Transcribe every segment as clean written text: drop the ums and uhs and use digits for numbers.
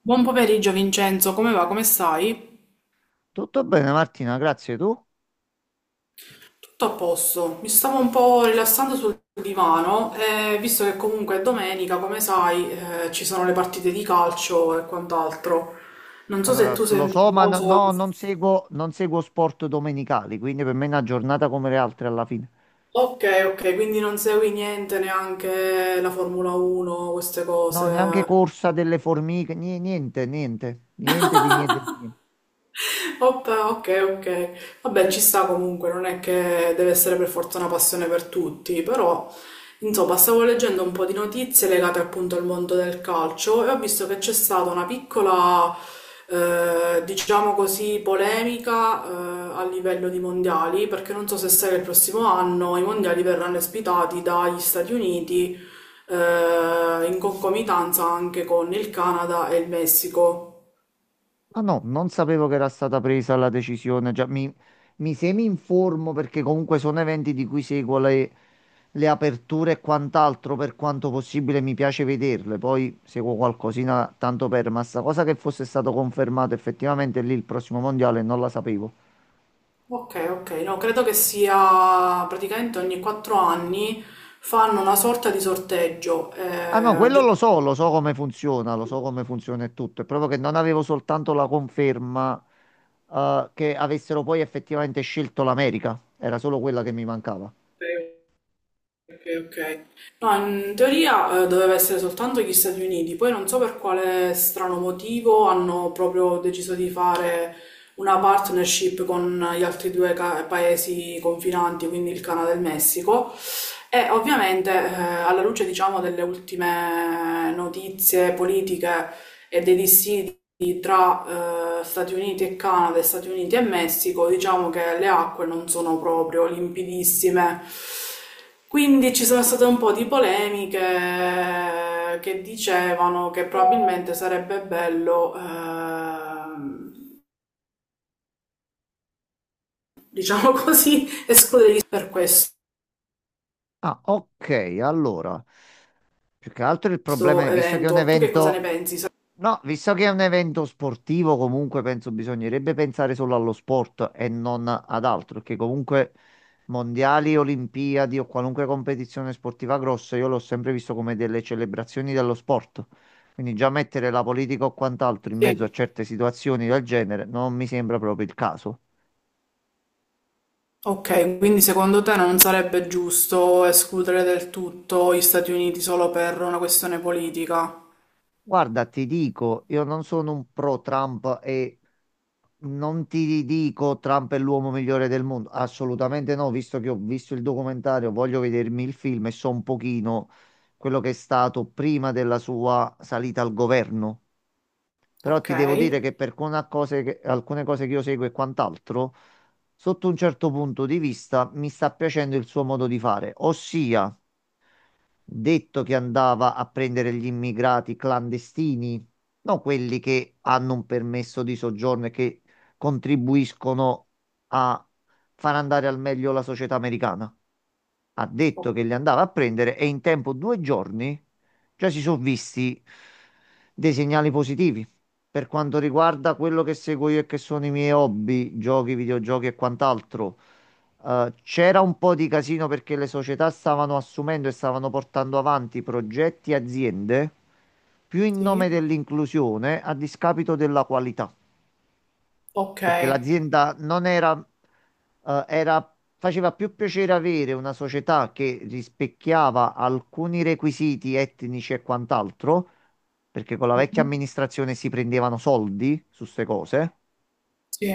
Buon pomeriggio Vincenzo, come va? Come stai? Tutto bene, Martina, grazie. Tu? Tutto a posto. Mi stavo un po' rilassando sul divano e visto che comunque è domenica, come sai, ci sono le partite di calcio e quant'altro. Non so se Allora, tu sei lo un so, ma no, tifoso. no, non seguo sport domenicali, quindi per me è una giornata come le altre alla fine. Ok, ok, quindi non segui niente, neanche la Formula 1, queste No, cose. neanche corsa delle formiche, niente, niente, niente di niente di niente. Oppa, ok, ok. Vabbè, ci sta comunque, non è che deve essere per forza una passione per tutti, però insomma, stavo leggendo un po' di notizie legate appunto al mondo del calcio e ho visto che c'è stata una piccola, diciamo così, polemica, a livello di mondiali, perché non so se sai che il prossimo anno i mondiali verranno ospitati dagli Stati Uniti, in concomitanza anche con il Canada e il Messico. Ah no, non sapevo che era stata presa la decisione. Già mi semi informo perché comunque sono eventi di cui seguo le aperture e quant'altro. Per quanto possibile mi piace vederle, poi seguo qualcosina tanto per, ma sta cosa che fosse stato confermato effettivamente lì il prossimo mondiale non la sapevo. Ok, ok, no, credo che sia praticamente ogni quattro anni fanno una sorta di sorteggio. Ah no, quello lo so, lo so come funziona e tutto. È proprio che non avevo soltanto la conferma, che avessero poi effettivamente scelto l'America, era solo quella che mi mancava. Ok, ok. Ok. No, in teoria doveva essere soltanto gli Stati Uniti, poi non so per quale strano motivo hanno proprio deciso di fare una partnership con gli altri paesi confinanti, quindi il Canada e il Messico. E ovviamente, alla luce, diciamo, delle ultime notizie politiche e dei dissidi tra Stati Uniti e Canada e Stati Uniti e Messico, diciamo che le acque non sono proprio limpidissime. Quindi ci sono state un po' di polemiche che dicevano che probabilmente sarebbe bello, diciamo così, escluderli per questo Ah, ok, allora, più che altro il problema è, visto che è un evento. Tu che cosa ne evento, pensi? Sa- no, visto che è un evento sportivo, comunque penso bisognerebbe pensare solo allo sport e non ad altro, perché comunque mondiali, olimpiadi o qualunque competizione sportiva grossa, io l'ho sempre visto come delle celebrazioni dello sport. Quindi già mettere la politica o quant'altro in mezzo a Sì. certe situazioni del genere non mi sembra proprio il caso. Ok, quindi secondo te non sarebbe giusto escludere del tutto gli Stati Uniti solo per una questione politica? Guarda, ti dico, io non sono un pro Trump e non ti dico Trump è l'uomo migliore del mondo, assolutamente no, visto che ho visto il documentario, voglio vedermi il film e so un pochino quello che è stato prima della sua salita al governo. Però ti devo Okay. dire che per alcune cose che, io seguo e quant'altro, sotto un certo punto di vista, mi sta piacendo il suo modo di fare, ossia detto che andava a prendere gli immigrati clandestini, non quelli che hanno un permesso di soggiorno e che contribuiscono a far andare al meglio la società americana. Ha O detto che li andava a prendere e in tempo 2 giorni già si sono visti dei segnali positivi. Per quanto riguarda quello che seguo io e che sono i miei hobby, giochi, videogiochi e quant'altro. C'era un po' di casino perché le società stavano assumendo e stavano portando avanti progetti e aziende più in sì. nome dell'inclusione a discapito della qualità, perché Okay. l'azienda non era, faceva più piacere avere una società che rispecchiava alcuni requisiti etnici e quant'altro, perché con la vecchia Mh-mh. amministrazione si prendevano soldi su queste cose. Sì,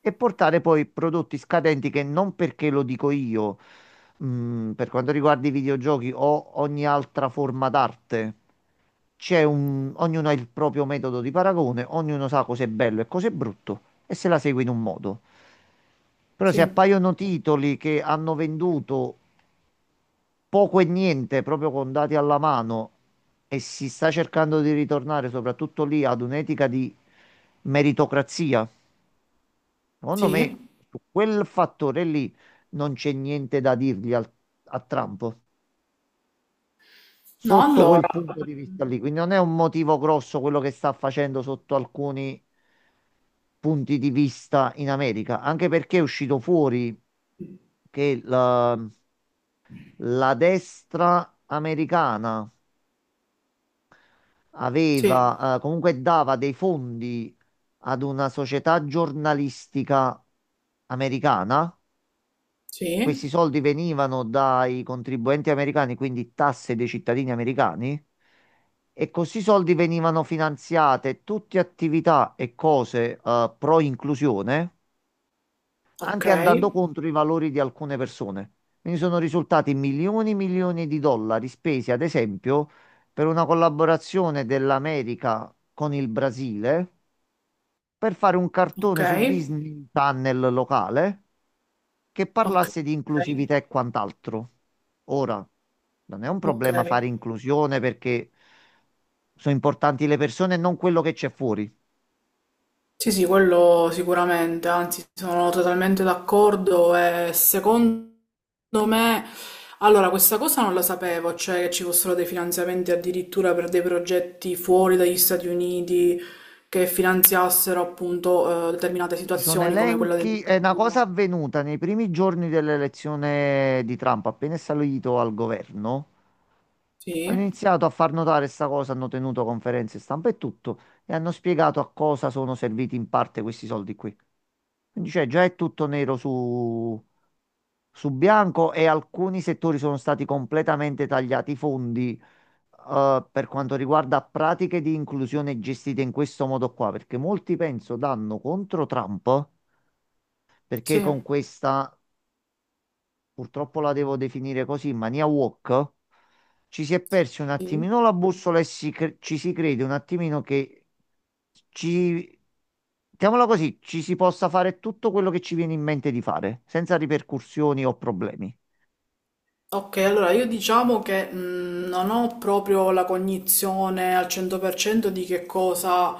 E portare poi prodotti scadenti che non perché lo dico io. Per quanto riguarda i videogiochi o ogni altra forma d'arte, ognuno ha il proprio metodo di paragone, ognuno sa cos'è bello e cos'è brutto e se la segue in un modo. Però se sì, appaiono titoli che hanno venduto poco e niente proprio con dati alla mano e si sta cercando di ritornare soprattutto lì ad un'etica di meritocrazia, secondo sì. me, su quel fattore lì non c'è niente da dirgli a Trump, No, sotto quel allora punto di vista lì. Quindi non è un motivo grosso quello che sta facendo sotto alcuni punti di vista in America, anche perché è uscito fuori che la destra americana sì, aveva, comunque dava dei fondi ad una società giornalistica americana. sì, Questi soldi venivano dai contribuenti americani, quindi tasse dei cittadini americani, e questi soldi venivano finanziate tutte attività e cose pro inclusione, anche andando okay, contro i valori di alcune persone. Quindi sono risultati milioni e milioni di dollari spesi, ad esempio, per una collaborazione dell'America con il Brasile per fare un cartone su okay, Disney Channel locale che parlasse di okay, inclusività e quant'altro. Ora, non è un problema okay. fare inclusione perché sono importanti le persone e non quello che c'è fuori. Sì, sì, quello sicuramente, anzi sono totalmente d'accordo e secondo me, allora questa cosa non la sapevo, cioè che ci fossero dei finanziamenti addirittura per dei progetti fuori dagli Stati Uniti che finanziassero appunto determinate Ci sono situazioni come quella elenchi, è una dell'agricoltura. cosa avvenuta nei primi giorni dell'elezione di Trump, appena è salito al governo. Sì, Hanno iniziato a far notare questa cosa, hanno tenuto conferenze stampa e tutto, e hanno spiegato a cosa sono serviti in parte questi soldi qui. Quindi cioè, già è tutto nero su bianco e alcuni settori sono stati completamente tagliati i fondi per quanto riguarda pratiche di inclusione gestite in questo modo qua, perché molti penso danno contro Trump perché sì, con questa, purtroppo la devo definire così, in mania wok, ci si è persi un sì. attimino la bussola e ci si crede un attimino che ci, mettiamola così, ci si possa fare tutto quello che ci viene in mente di fare, senza ripercussioni o problemi. Ok, allora io diciamo che non ho proprio la cognizione al 100% di che cosa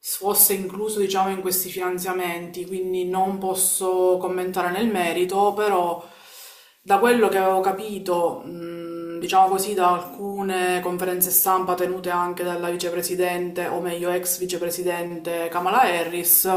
fosse incluso, diciamo, in questi finanziamenti, quindi non posso commentare nel merito, però da quello che avevo capito, diciamo così, da alcune conferenze stampa tenute anche dalla vicepresidente, o meglio ex vicepresidente Kamala Harris,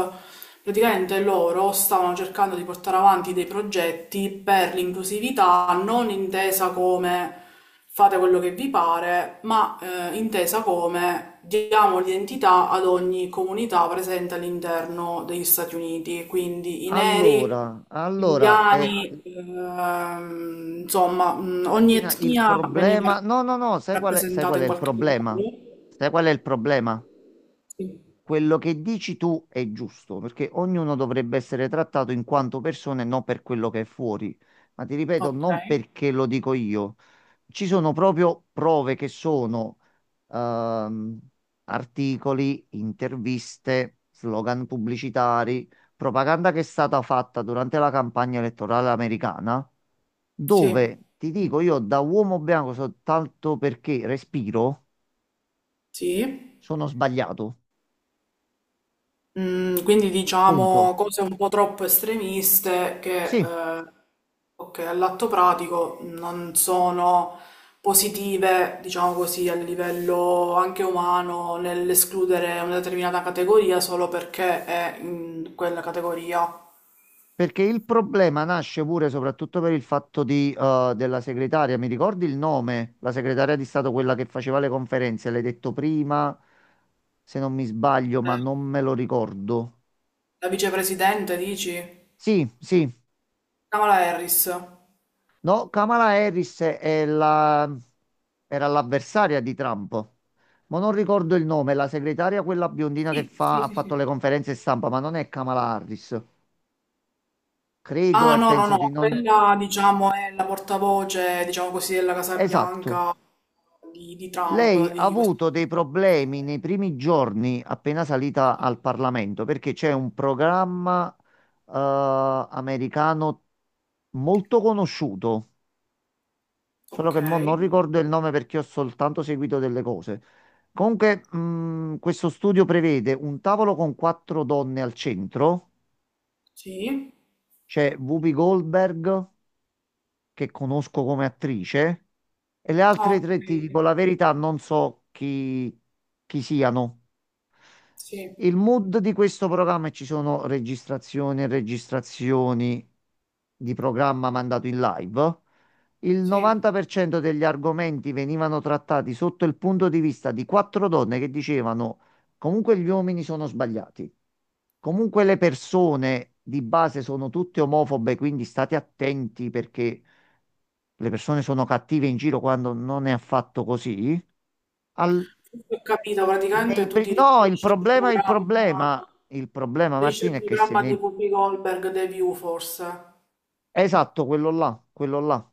praticamente loro stavano cercando di portare avanti dei progetti per l'inclusività, non intesa come fate quello che vi pare, ma intesa come diamo l'identità ad ogni comunità presente all'interno degli Stati Uniti, quindi i neri, Allora, gli allora, indiani, insomma, ogni Martina, il etnia veniva problema... No, no, no, sai qual è, sai rappresentata qual è in il qualche modo. problema? Sai qual è il problema? Sì. Quello che dici tu è giusto, perché ognuno dovrebbe essere trattato in quanto persona e non per quello che è fuori. Ma ti ripeto, Ok, non perché lo dico io. Ci sono proprio prove che sono ehm, articoli, interviste, slogan pubblicitari, propaganda che è stata fatta durante la campagna elettorale americana, sì, dove ti dico io da uomo bianco soltanto perché respiro, sì. sono sbagliato. Mm, quindi Punto. diciamo cose un po' troppo estremiste che, Sì. Ok, all'atto pratico non sono positive, diciamo così, a livello anche umano nell'escludere una determinata categoria solo perché è in quella categoria. Perché il problema nasce pure soprattutto per il fatto della segretaria. Mi ricordi il nome? La segretaria di Stato, quella che faceva le conferenze, l'hai detto prima, se non mi sbaglio, ma Eh, non me lo ricordo. La vicepresidente, dici? Sì, sì. Kamala Harris. No, Kamala Harris è era l'avversaria di Trump. Ma non ricordo il nome, la segretaria, quella biondina che Sì, sì, ha sì, fatto sì. le conferenze stampa, ma non è Kamala Harris. Credo Ah, e no, no, penso di no, non... quella diciamo è la portavoce, diciamo così, della Casa Esatto. Bianca di Lei Trump, ha di avuto dei problemi nei primi giorni appena salita sì. al Parlamento perché c'è un programma eh, americano molto conosciuto, solo Ok, che mo non ricordo il nome perché ho soltanto seguito delle cose. Comunque, questo studio prevede un tavolo con quattro donne al centro, sì, c'è Whoopi Goldberg. Che conosco come attrice e le ah, altre ok, tre, ti dico la verità, non so chi siano. sì, Il mood di questo programma e ci sono registrazioni e registrazioni di programma mandato in live. Il sì. 90% degli argomenti venivano trattati sotto il punto di vista di quattro donne che dicevano comunque gli uomini sono sbagliati, comunque le persone di base sono tutte omofobe, quindi state attenti perché le persone sono cattive in giro quando non è affatto così. Al- Questo ho capito, praticamente nei tu pri- ti no, il problema, il problema, il problema, riferisci al Martina, è che se programma di nei... Whoopi Goldberg, The View, forse. Esatto, quello là, quello là.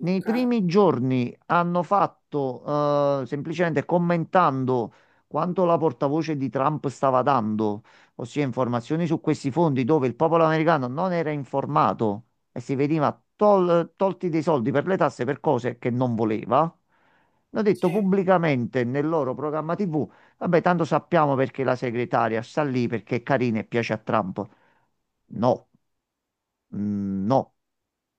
Nei Ok, primi giorni hanno fatto, semplicemente commentando quanto la portavoce di Trump stava dando, ossia informazioni su questi fondi dove il popolo americano non era informato e si veniva tolti dei soldi per le tasse per cose che non voleva. Hanno detto sì, pubblicamente nel loro programma TV, vabbè, tanto sappiamo perché la segretaria sta lì perché è carina e piace a Trump. No. Mm, no,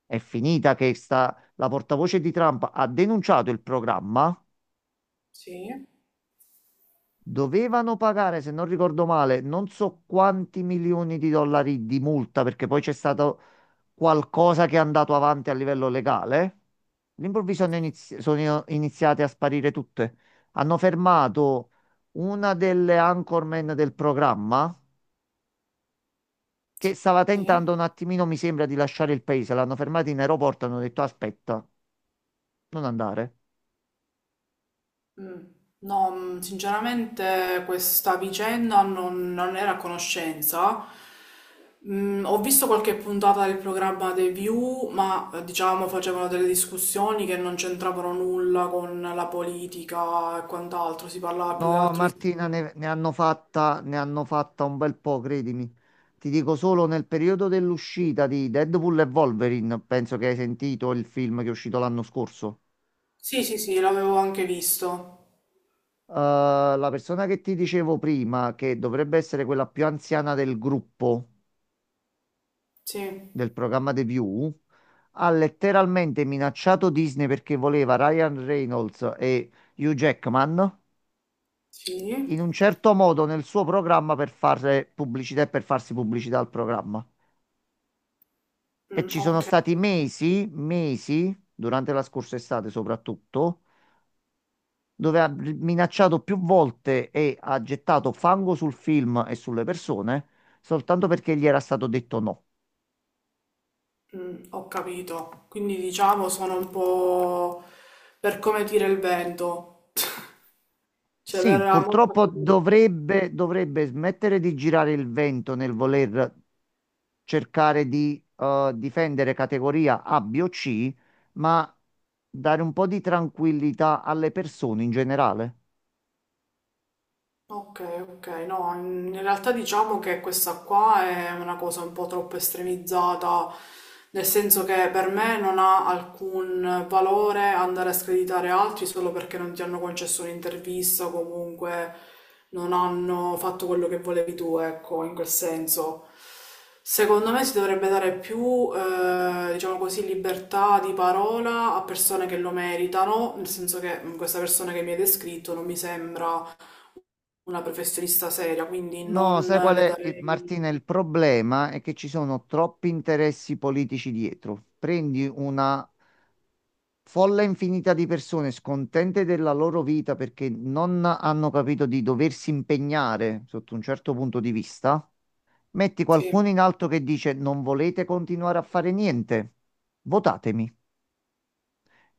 è finita che la portavoce di Trump ha denunciato il programma. sì, Dovevano pagare, se non ricordo male, non so quanti milioni di dollari di multa perché poi c'è stato qualcosa che è andato avanti a livello legale. All'improvviso sono iniziate a sparire tutte. Hanno fermato una delle anchorman del programma sì, che stava sì. tentando un attimino, mi sembra, di lasciare il paese. L'hanno fermata in aeroporto, hanno detto aspetta, non andare. Mm. No, mm, sinceramente questa vicenda non, non era a conoscenza. Mm, ho visto qualche puntata del programma The View, ma diciamo facevano delle discussioni che non c'entravano nulla con la politica e quant'altro, si parlava più che No, altro di... Martina, ne hanno fatta un bel po', credimi. Ti dico solo nel periodo dell'uscita di Deadpool e Wolverine, penso che hai sentito il film che è uscito l'anno scorso. Sì, sì, sì, l'avevo anche visto. La persona che ti dicevo prima, che dovrebbe essere quella più anziana del gruppo Sì, del programma The View, ha letteralmente minacciato Disney perché voleva Ryan Reynolds e Hugh Jackman sì, in un certo modo nel suo programma per fare pubblicità e per farsi pubblicità al programma. E mm, ci sono ok, stati mesi, mesi, durante la scorsa estate soprattutto, dove ha minacciato più volte e ha gettato fango sul film e sulle persone, soltanto perché gli era stato detto no. mm, ho capito. Quindi diciamo sono un po' per come tira il vento, cioè Sì, verrà molto... purtroppo dovrebbe smettere di girare il vento nel voler cercare di difendere categoria A, B o C, ma dare un po' di tranquillità alle persone in generale. Ok, ok, no, in in realtà diciamo che questa qua è una cosa un po' troppo estremizzata, nel senso che per me non ha alcun valore andare a screditare altri solo perché non ti hanno concesso un'intervista o comunque non hanno fatto quello che volevi tu, ecco, in quel senso. Secondo me si dovrebbe dare più, diciamo così, libertà di parola a persone che lo meritano, nel senso che questa persona che mi hai descritto non mi sembra una professionista seria, quindi No, non sai qual le è, darei Martina? Il problema è che ci sono troppi interessi politici dietro. Prendi una folla infinita di persone scontente della loro vita perché non hanno capito di doversi impegnare sotto un certo punto di vista. Metti sì. qualcuno in alto che dice non volete continuare a fare niente, votatemi.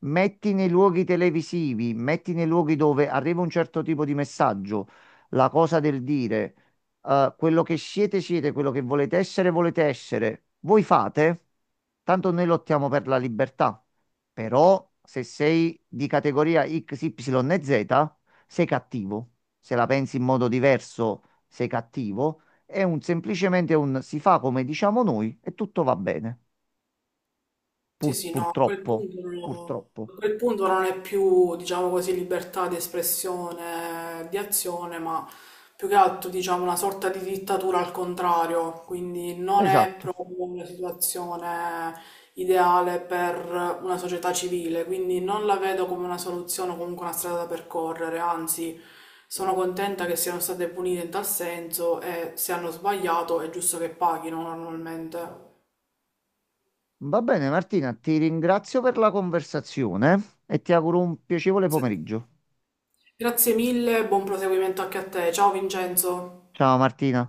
Metti nei luoghi televisivi, metti nei luoghi dove arriva un certo tipo di messaggio, la cosa del dire, quello che siete, siete, quello che volete essere, voi fate, tanto noi lottiamo per la libertà. Però se sei di categoria X, Y e Z, sei cattivo. Se la pensi in modo diverso, sei cattivo. Semplicemente un si fa come diciamo noi e tutto va bene. Sì, sì, no, a quel Purtroppo, punto non, purtroppo. a quel punto non è più, diciamo così, libertà di espressione, di azione, ma più che altro, diciamo, una sorta di dittatura al contrario, quindi non è Esatto. proprio una situazione ideale per una società civile, quindi non la vedo come una soluzione o comunque una strada da percorrere, anzi, sono contenta che siano state punite in tal senso e se hanno sbagliato è giusto che paghino normalmente. Va bene, Martina, ti ringrazio per la conversazione e ti auguro un piacevole Se- pomeriggio. Grazie mille, buon proseguimento anche a te. Ciao Vincenzo. Ciao, Martina.